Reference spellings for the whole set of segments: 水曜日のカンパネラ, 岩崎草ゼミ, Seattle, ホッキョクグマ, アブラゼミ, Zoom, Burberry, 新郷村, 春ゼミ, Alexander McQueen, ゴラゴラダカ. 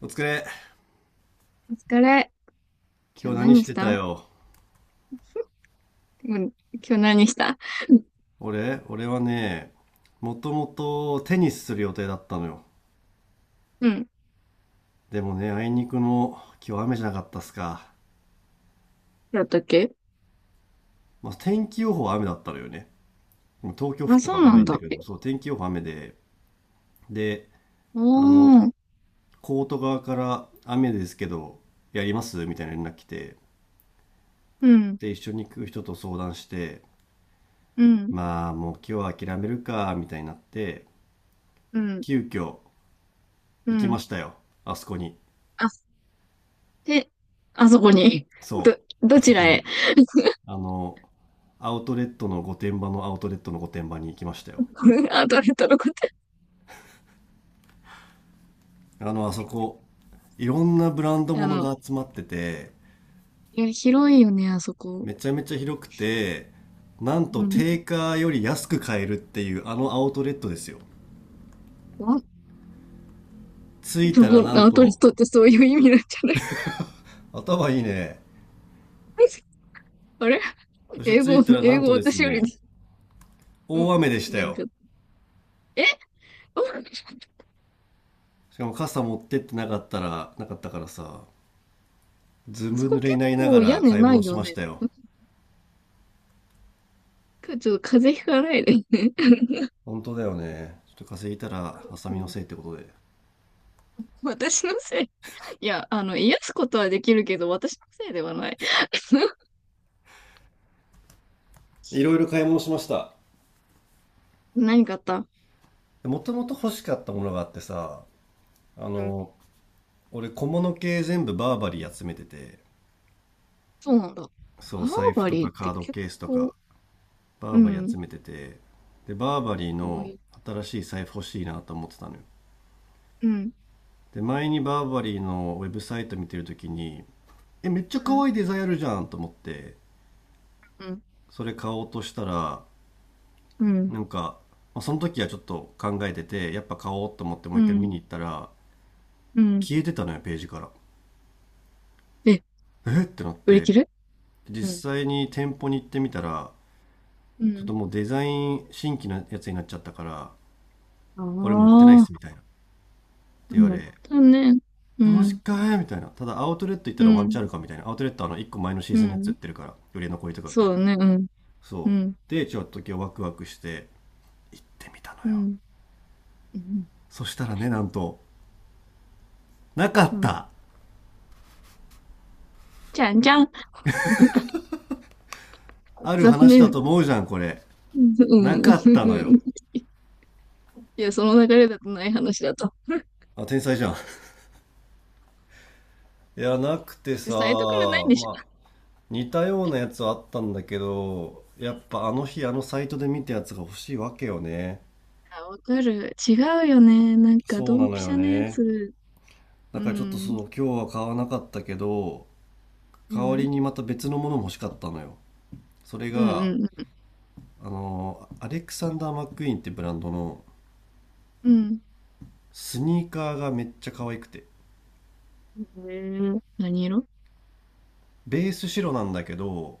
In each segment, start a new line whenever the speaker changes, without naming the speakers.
お疲れ。
お疲れ。
今
今
日
日
何
何
し
し
てた
た？
よ。
うん。今日何した？
俺はね、もともとテニスする予定だったのよ。
うん。
でもね、あいにくの今日雨じゃなかったっすか。
だったっけ？
まあ、天気予報は雨だったのよね。東京降っ
あ、
た
そ
かわ
う
か
な
んな
ん
いんだ
だ。
けど、そう、天気予報雨で、で、
お
あの、
おー。
コート側から雨ですけど、やりますみたいな連絡来て、
うん。
で、一緒に行く人と相談して、
うん。
まあ、もう今日は諦めるか、みたいになって、
うん。
急遽
う
行きま
ん。
したよ。あそこに。
あ、で、あそこに。
そ
ど、
う、あ
ど
そ
ち
こ
ら
に。
へ？
あの、アウトレットの御殿場のアウトレットの御殿場に行きましたよ。
あ、どれとのこと。
あそこ、いろんなブランド
あ
物
の、
が集まってて、
いや、広いよね、あそこ。
めちゃめちゃ広くて、なん
う
と
ん。
定価より安く買えるっていうあのアウトレットですよ。
あ、
着い
そ
たら
こ、
な
ア
ん
ウトレ
と、
ットってそういう意味なんじゃない？
頭いいね。
あれ？
そして
英
着い
語、
たらな
英
ん
語
とです
私より、
ね、
う
大
ん。
雨でした
何か。
よ。
え？
しかも傘持ってってなかったら、なかったからさ、ず
あ
ぶ
そ
濡
こ
れに
結
なりなが
構屋
ら
根
買い
な
物
い
し
よ
まし
ね。
たよ。
今日ちょっと風邪ひかないでね。
本当だよね。ちょっと風邪ひいたら、浅
う
見の
ん、
せいってことで。
私のせい。いや、あの、癒すことはできるけど、私のせいではない。
いろいろ買い物しました。
何かあった？
もともと欲しかったものがあってさ、あ
うん。
の、俺小物系全部バーバリー集めてて、
そうなんだ。バ
そう、財
ー
布
バ
と
リー
か
っ
カ
て
ード
結
ケースと
構、
か、バ
う
ーバリー集
ん、
めてて、で、バーバリー
かわい
の
い。
新しい財布欲しいなと思ってたのよ。
うん、
で、前にバーバリーのウェブサイト見てるときに、え、めっちゃ
う
可
ん、
愛いデザインあるじゃんと思って、
うん、
それ買おうとしたら、
うん、
なんか、その時はちょっと考えてて、やっぱ買おうと思ってもう
う
一回見
ん、
に行ったら、
うん。
消えてたのよ、ページから。
え、
えってなっ
売り切
て、
れ？うん、
実際に店舗に行ってみたら、
う
ちょっと
ん。
もうデザイン新規のやつになっちゃったから、
あ
俺も売ってないっすみ
あ、
たいな。って言わ
うん。
れ、
だね。う
え、マジ
ん、
かえみたいな。ただアウトレット行った
う
らワンチャ
ん、
ンあるかみたいな。アウトレットはあの1個前のシー
う
ズンのやつ売っ
ん。
てるから、売れ残りとか売って
そ
るか
う
ら。
だね。うん、う
そ
ん、
う。で、ちょっと今日ワクワクして行ってみたの
う
よ。
ん、うん。
そしたらね、なんと、なかっ
うん、
た
じゃんじゃん。
ある
残
話だ
念。
と思うじゃん、これ。な
うん。
かったのよ。
いや、その流れだとない話だと。
あ、天才じゃん。いや、なくて
だって
さ、
サイトからないんでし
まあ、
ょ。
似たようなやつはあったんだけど、
う
やっ
ん、
ぱあの日あのサイトで見たやつが欲しいわけよね。
あ、わかる。違うよね。なんか、
そう
ド
な
ン
の
ピ
よ
シャのや
ね。
つ。
だ
う
からちょっと
ん。
そう、今日は買わなかったけど、
う
代わり
ん。
にまた別のものも欲しかったのよ。それ
うん。
が、
うん。
アレクサンダー・マックイーンってブランドの
うん。
スニーカーがめっちゃ可愛くて。
へえ、何色？
ベース白なんだけど、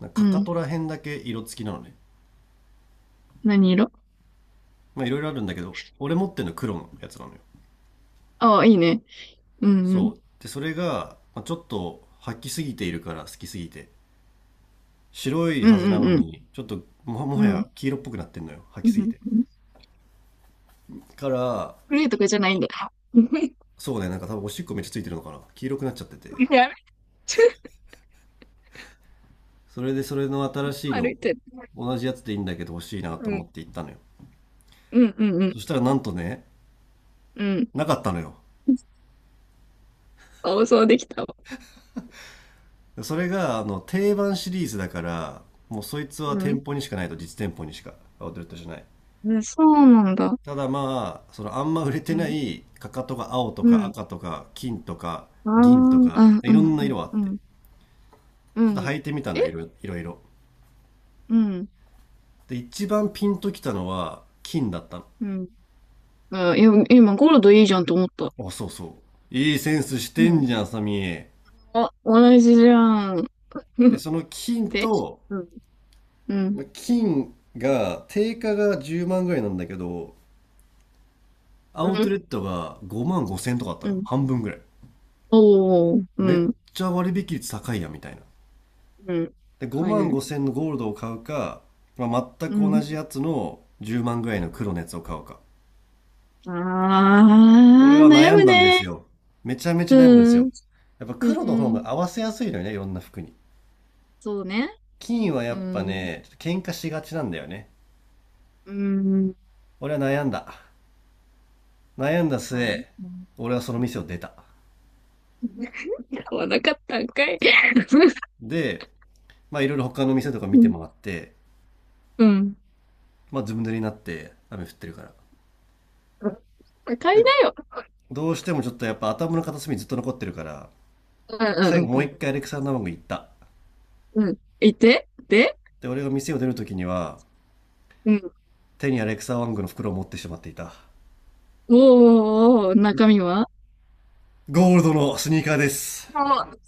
なん
う
かかか
ん。
とら辺だけ色付きなのね。
何色？
まあいろいろあるんだけど、俺持ってるの黒のやつなのよ。
ああ、いいね。うん。うん。
そう。で、それが、まあ、ちょっと吐きすぎているから、好きすぎて。白い
う
はずな
ん。
の
うん。
に、ちょっとも、も
う
は
ん。うん。
や黄色っぽくなってんのよ。吐
う
きす
ん
ぎて。
うん、
から、
グレーとかじゃないんだ。
そうね、なんか多分おしっこめっちゃついてるのかな。黄色くなっちゃってて。
やめちゃ、
それで、それの新しい
歩
の、
いてる。
同じやつでいいんだけど欲しいなと
う
思
ん。
って行ったのよ。
うん。うん。う
そ
ん。
したらなんとね、
うん。
なかったのよ。
あ、そうできたわ。
それが、定番シリーズだから、もうそいつは
うん。
店舗にしかないと、実店舗にしか。アウトレットじゃない。
うん、そうなんだ。
ただまあ、そのあんま売れ
う
てな
ん。
いかかとが青と
う
か
ん。
赤とか金とか
ああ、う
銀とか
ん
い
う
ろ
ん
んな
うん
色あっ
う
て、
ん。う
ちょっと
ん。
履いてみたのよい
え？
ろいろいろ。
うん。
で、一番ピンときたのは金だった
うん。あ、いや、今ゴールドいいじゃんと思った。
の。あ、そうそう。いいセンスし
う
てん
ん。
じゃん、サミー。
あ、同じじゃん。
で、その金
で、
と、
うん。うん。
まあ金が定価が10万ぐらいなんだけど、ア
う
ウトレ
ん。
ットが5万5千とかあった
う
のよ。
ん。
半分ぐらい。
おお、う
めっ
ん。
ちゃ割引率高いやんみたいな。
うん。
で
高い
5万
ね。
5千のゴールドを買うか、まあ、全
う
く同
ん。
じやつの10万ぐらいの黒のやつを買うか、俺
ああ、
は
悩
悩ん
む
だんです
ね。
よ。めちゃめち
う
ゃ悩んだんですよ。
ん。
やっぱ
うん
黒
う
の方が
ん。
合わせやすいのよね、いろんな服に。
そうね。
金はや
う
っぱ
ん。
ねちょっと喧嘩しがちなんだよね。
うん。
俺は悩んだ。悩んだ
はい。うん。
末、俺はその
う
店を
ん。
出た。
買わなかったんかい。
で、まあいろいろ他の店とか
う
見て
ん。
回って、
うん、
まあずぶ濡れになって雨降ってるから、
買い
で、
なよ。
どうしてもちょっとやっぱ頭の片隅にずっと残ってるから、
うんう
最後
ん
も
うん
う
う
一回アレクサンダーマンゴー行った。
ん。うん。いてで、
で、俺が店を出る時には、
うん。
手にアレクサワングの袋を持ってしまっていた。
おーおーおー、中身は？
ゴールドのスニーカーです。
もう、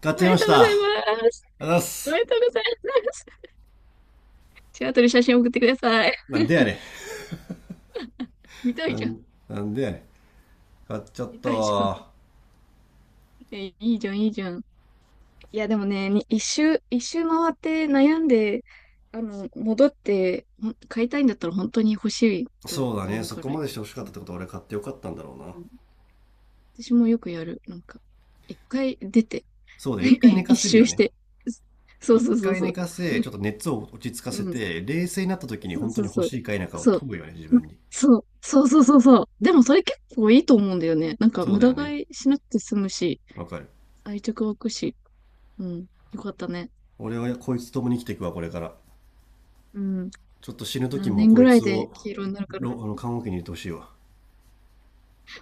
買っ
お
ちゃ
め
い
で
まし
とうご
た、
ざ
ありが
い
とう
ます。
ございま
おめ
す。
でとうございます。シアトル写真送ってください。
なんでやれ。
見たい
な
じゃ
ん
ん。
なんでやれ、買っちゃっ
見
た
たいじゃん。
わ。
え、いいじゃん、いいじゃん。いや、でもね、に一周回って悩んで、あの、戻って、ほん買いたいんだったら本当に欲しいと
そうだね、
思う
そ
か
こ
ら。
までして欲しか
う
ったっ
ん、
てことは、俺買ってよかったんだろう
う
な。
ん、私もよくやる。なんか、一回出て、
そうだね、一回寝 か
一
せる
周
よ
し
ね。
て。そう
一
そうそう
回
そ
寝
う。
かせちょっと熱を落ち着か
う
せ
ん、
て冷静になった時に、
そう
本当
そ
に
う
欲
そう。
しいか否かを
そう。
問うよね、自
ま、
分に。
そう、そうそうそうそう。でもそれ結構いいと思うんだよね。なんか
そう
無
だよ
駄
ね、
買いしなくて済むし、
わかる。
愛着湧くし。うん。よかったね。
俺はこいつともに生きていくわ、これから。
うん。
ちょっと死ぬ時
何
も
年
こ
ぐ
い
らい
つ
で
を
黄色になるかな。
あの看護機に入れてほしいわ。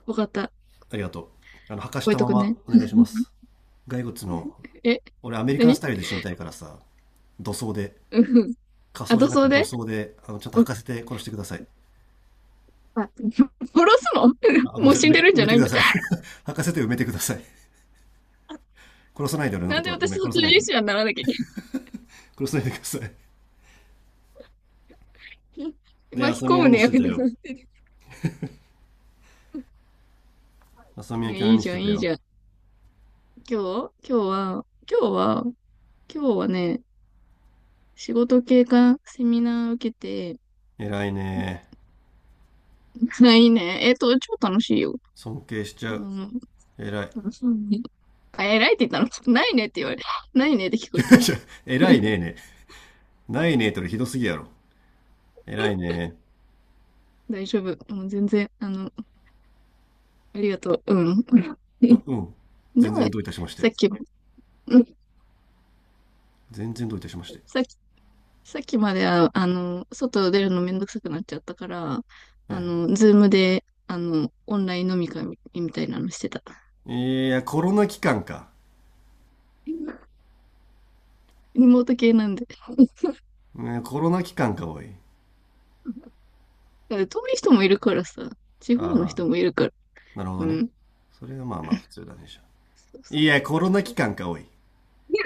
わかった。
ありがとう。あの、履かし
覚え
た
と
ま
く
ま
ね。
お願いします。骸骨の、
え、
俺アメリカンス
何？
タイルで死にたいからさ、土葬で、
うん。
仮
あ、
装じゃ
塗
なくて
装
土
で、
葬で、あの、ちゃんと
う
履
ん、
かせて殺してください。
あ、殺すの？
あ、ごめんな
もう
さい。
死んでるん
埋
じゃ
めて
な
く
いん
だ
だ。
さい。履かせて埋めてください。殺さないで俺の
な
こ
ん
と
で
は。ご
私
めん、
卒
殺さ
業
ないで。
者にならなきゃいけ
殺さないでください。
ない。
で、
巻き
浅見
込
は
む
何
ね、
し
や
て
めて
た
くだ
よ。
さい。
浅見
い
は
や
今日
いい
何し
じゃ
て
ん、
た
いいじ
よ。
ゃん。今日今日は、今日は、今日はね、仕事経過セミナー受けて、
偉いね
ないね。えっと、超楽しい
ー、
よ。
尊敬しちゃ
あ
う。
の、
偉い。
楽しいね。あ、偉いって言ったの？ ないねって言われ、ないねって聞 こ
ち
えた。
ょちょ偉いねーね、ないねえとりひどすぎやろ。偉いね
大丈夫。もう全然、あの、ありがとう。うん。
ー、
で、
うん。全然どういたしまして。
さっき、うん、
全然どういたしまして。
さっき、さっきまでは、あの、外出るのめんどくさくなっちゃったから、
は
あ
い。
の、ズームで、あの、オンライン飲み会みたいなのしてた。
いや、コロナ期間か。
リモート系なんで。
ね、コロナ期間か、おい。
だから遠い人もいるからさ、地方の
ああ、
人もいるから。
なるほど
う
ね。
ん。
それがまあまあ普通だね、じゃあ。
そうそう
いや、コロナ
そ
期
う、
間か、おい。い
いや、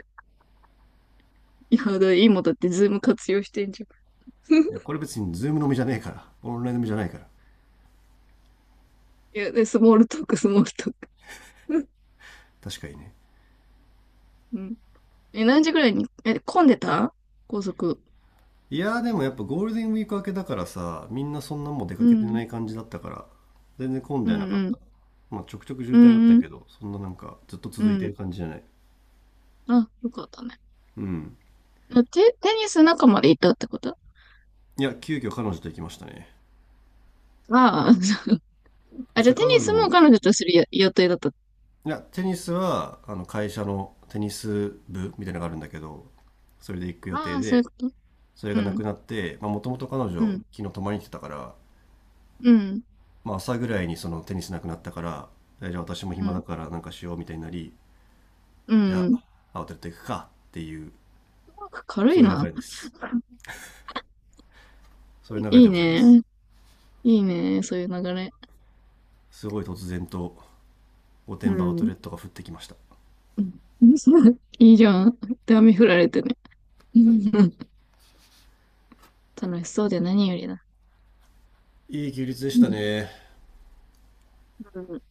いやだから今だってズーム活用してんじゃん。
やこれ別にズーム飲みじゃねえから。オンライン飲みじゃないから。
いや、で、スモールトーク。
確かにね。
うん。え、何時ぐらいに、え、混んでた？高速。
いや、でもやっぱゴールデンウィーク明けだからさ、みんなそんなもう出か
う
けて
ん。
ない感じだったから、全然混ん
う
ではな
ん
かっ
うん。
た。まあちょくちょく渋
う
滞あった
んうん。
けど、そんななんかずっと
う
続いてる
ん。
感じじゃない。
あ、よかったね。
うん。
あテ、テニス仲間でいたってこと？あ
いや、急遽彼女と行きましたね。
あ、
そ
あ、
し
じゃ
て
あテ
彼
ニ
女
スも
も、
彼女とするや予定だった。
いやテニスはあの会社のテニス部みたいなのがあるんだけど、それで行く予
あ
定
あ、そういう
で、
こと。
それ
う
がなく
ん。
なって、もともと彼
う
女
ん。
昨日泊まりに来てたから、
うん。
まあ、朝ぐらいにそのテニスなくなったから、えじゃあ私も
う
暇だ
ん。
からなんかしようみたいになり、
う
じ
ん。
ゃ
う
あアウトレット行くかっていう、
まく軽
そ
い
ういう流
な。
れです。 そういう流れ
い
で
い
ございます。
ね。いいね。そういう流れ。
すごい突然と御
う
殿場アウトレ
ん。
ットが降ってきました。
うん。 いいじゃん。で、雨降られてね。うん、楽しそうで何よりだ。
いい休日でし
う
た
ん。
ね。
うん、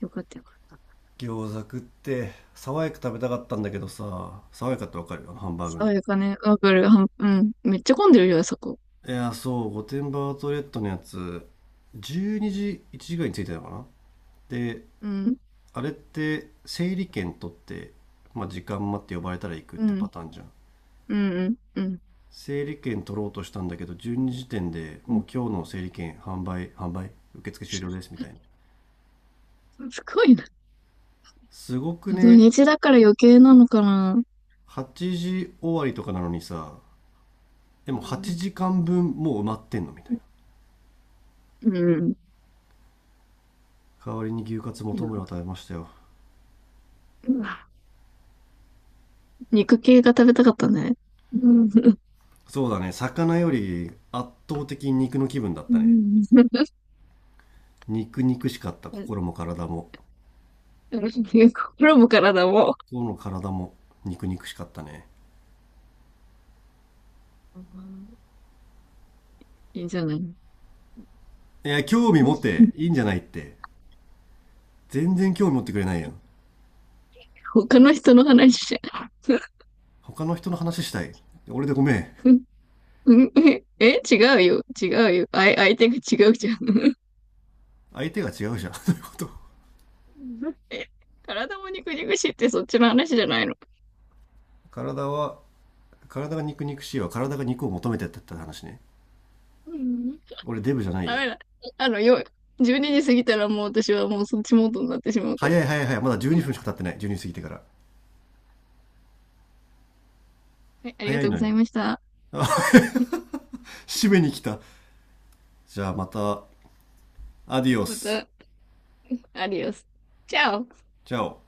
よかったよかった。
餃子食って爽やか食べたかったんだけどさ、爽やかってわかる、あのハンバーグ
そ
の。
ういうかね。わかる。はんうん。めっちゃ混んでるよ、あそこ。
いや、そう、御殿場アウトレットのやつ、12時、1時ぐらいに着いたのかな。で、
うん。
あれって、整理券取って、まあ、時間待って呼ばれたら行くっ
う
てパ
ん。
ターンじゃん。
うん。うん。うん。
整理券取ろうとしたんだけど、12時点で
う
も
ん、
う今日の整理券販売、受付終了ですみたいな。
すごいな。
すごく
土
ね、
日だから余計なのかな。
8時終わりとかなのにさ、で
う
も8
ん。
時間分もう埋まってんのみたいな。
うん。
代わりに牛カツ
い
元
や、
村を食べましたよ。
うん、肉系が食べたかったね。うん。
そうだね、魚より圧倒的に肉の気分だっ
う
たね。
ん。
肉肉しかった、
うん。
心も体も。
心も体も。
今日の体も肉肉しかったね。
うん、いいじゃない。
いや、興味持ってい いんじゃないって。全然興味持ってくれないやん。
他の人の話じゃん。
他の人の話したい。俺でごめん。
うん、え、違うよ。違うよ。あい、相手が違うじゃん。
相手が違うじゃん。そういうこと。
え、体も肉々しいってそっちの話じゃないの。
体は、体が肉肉しいわ。体が肉を求めてたって話ね。
うん、
俺デブじゃない
ダ
よ。
メだ。あの、よ、12時過ぎたらもう私はもうそっちモードになってしまうから。
早い早い早い。まだ12分しか経ってない。12過ぎてから。
はい、あり
早
が
い
とうご
の
ざい
よ。
ました。
あ、締めに来た。じゃあまた、アディオ
ま
ス。
た、アディオス。チャオ
チャオ。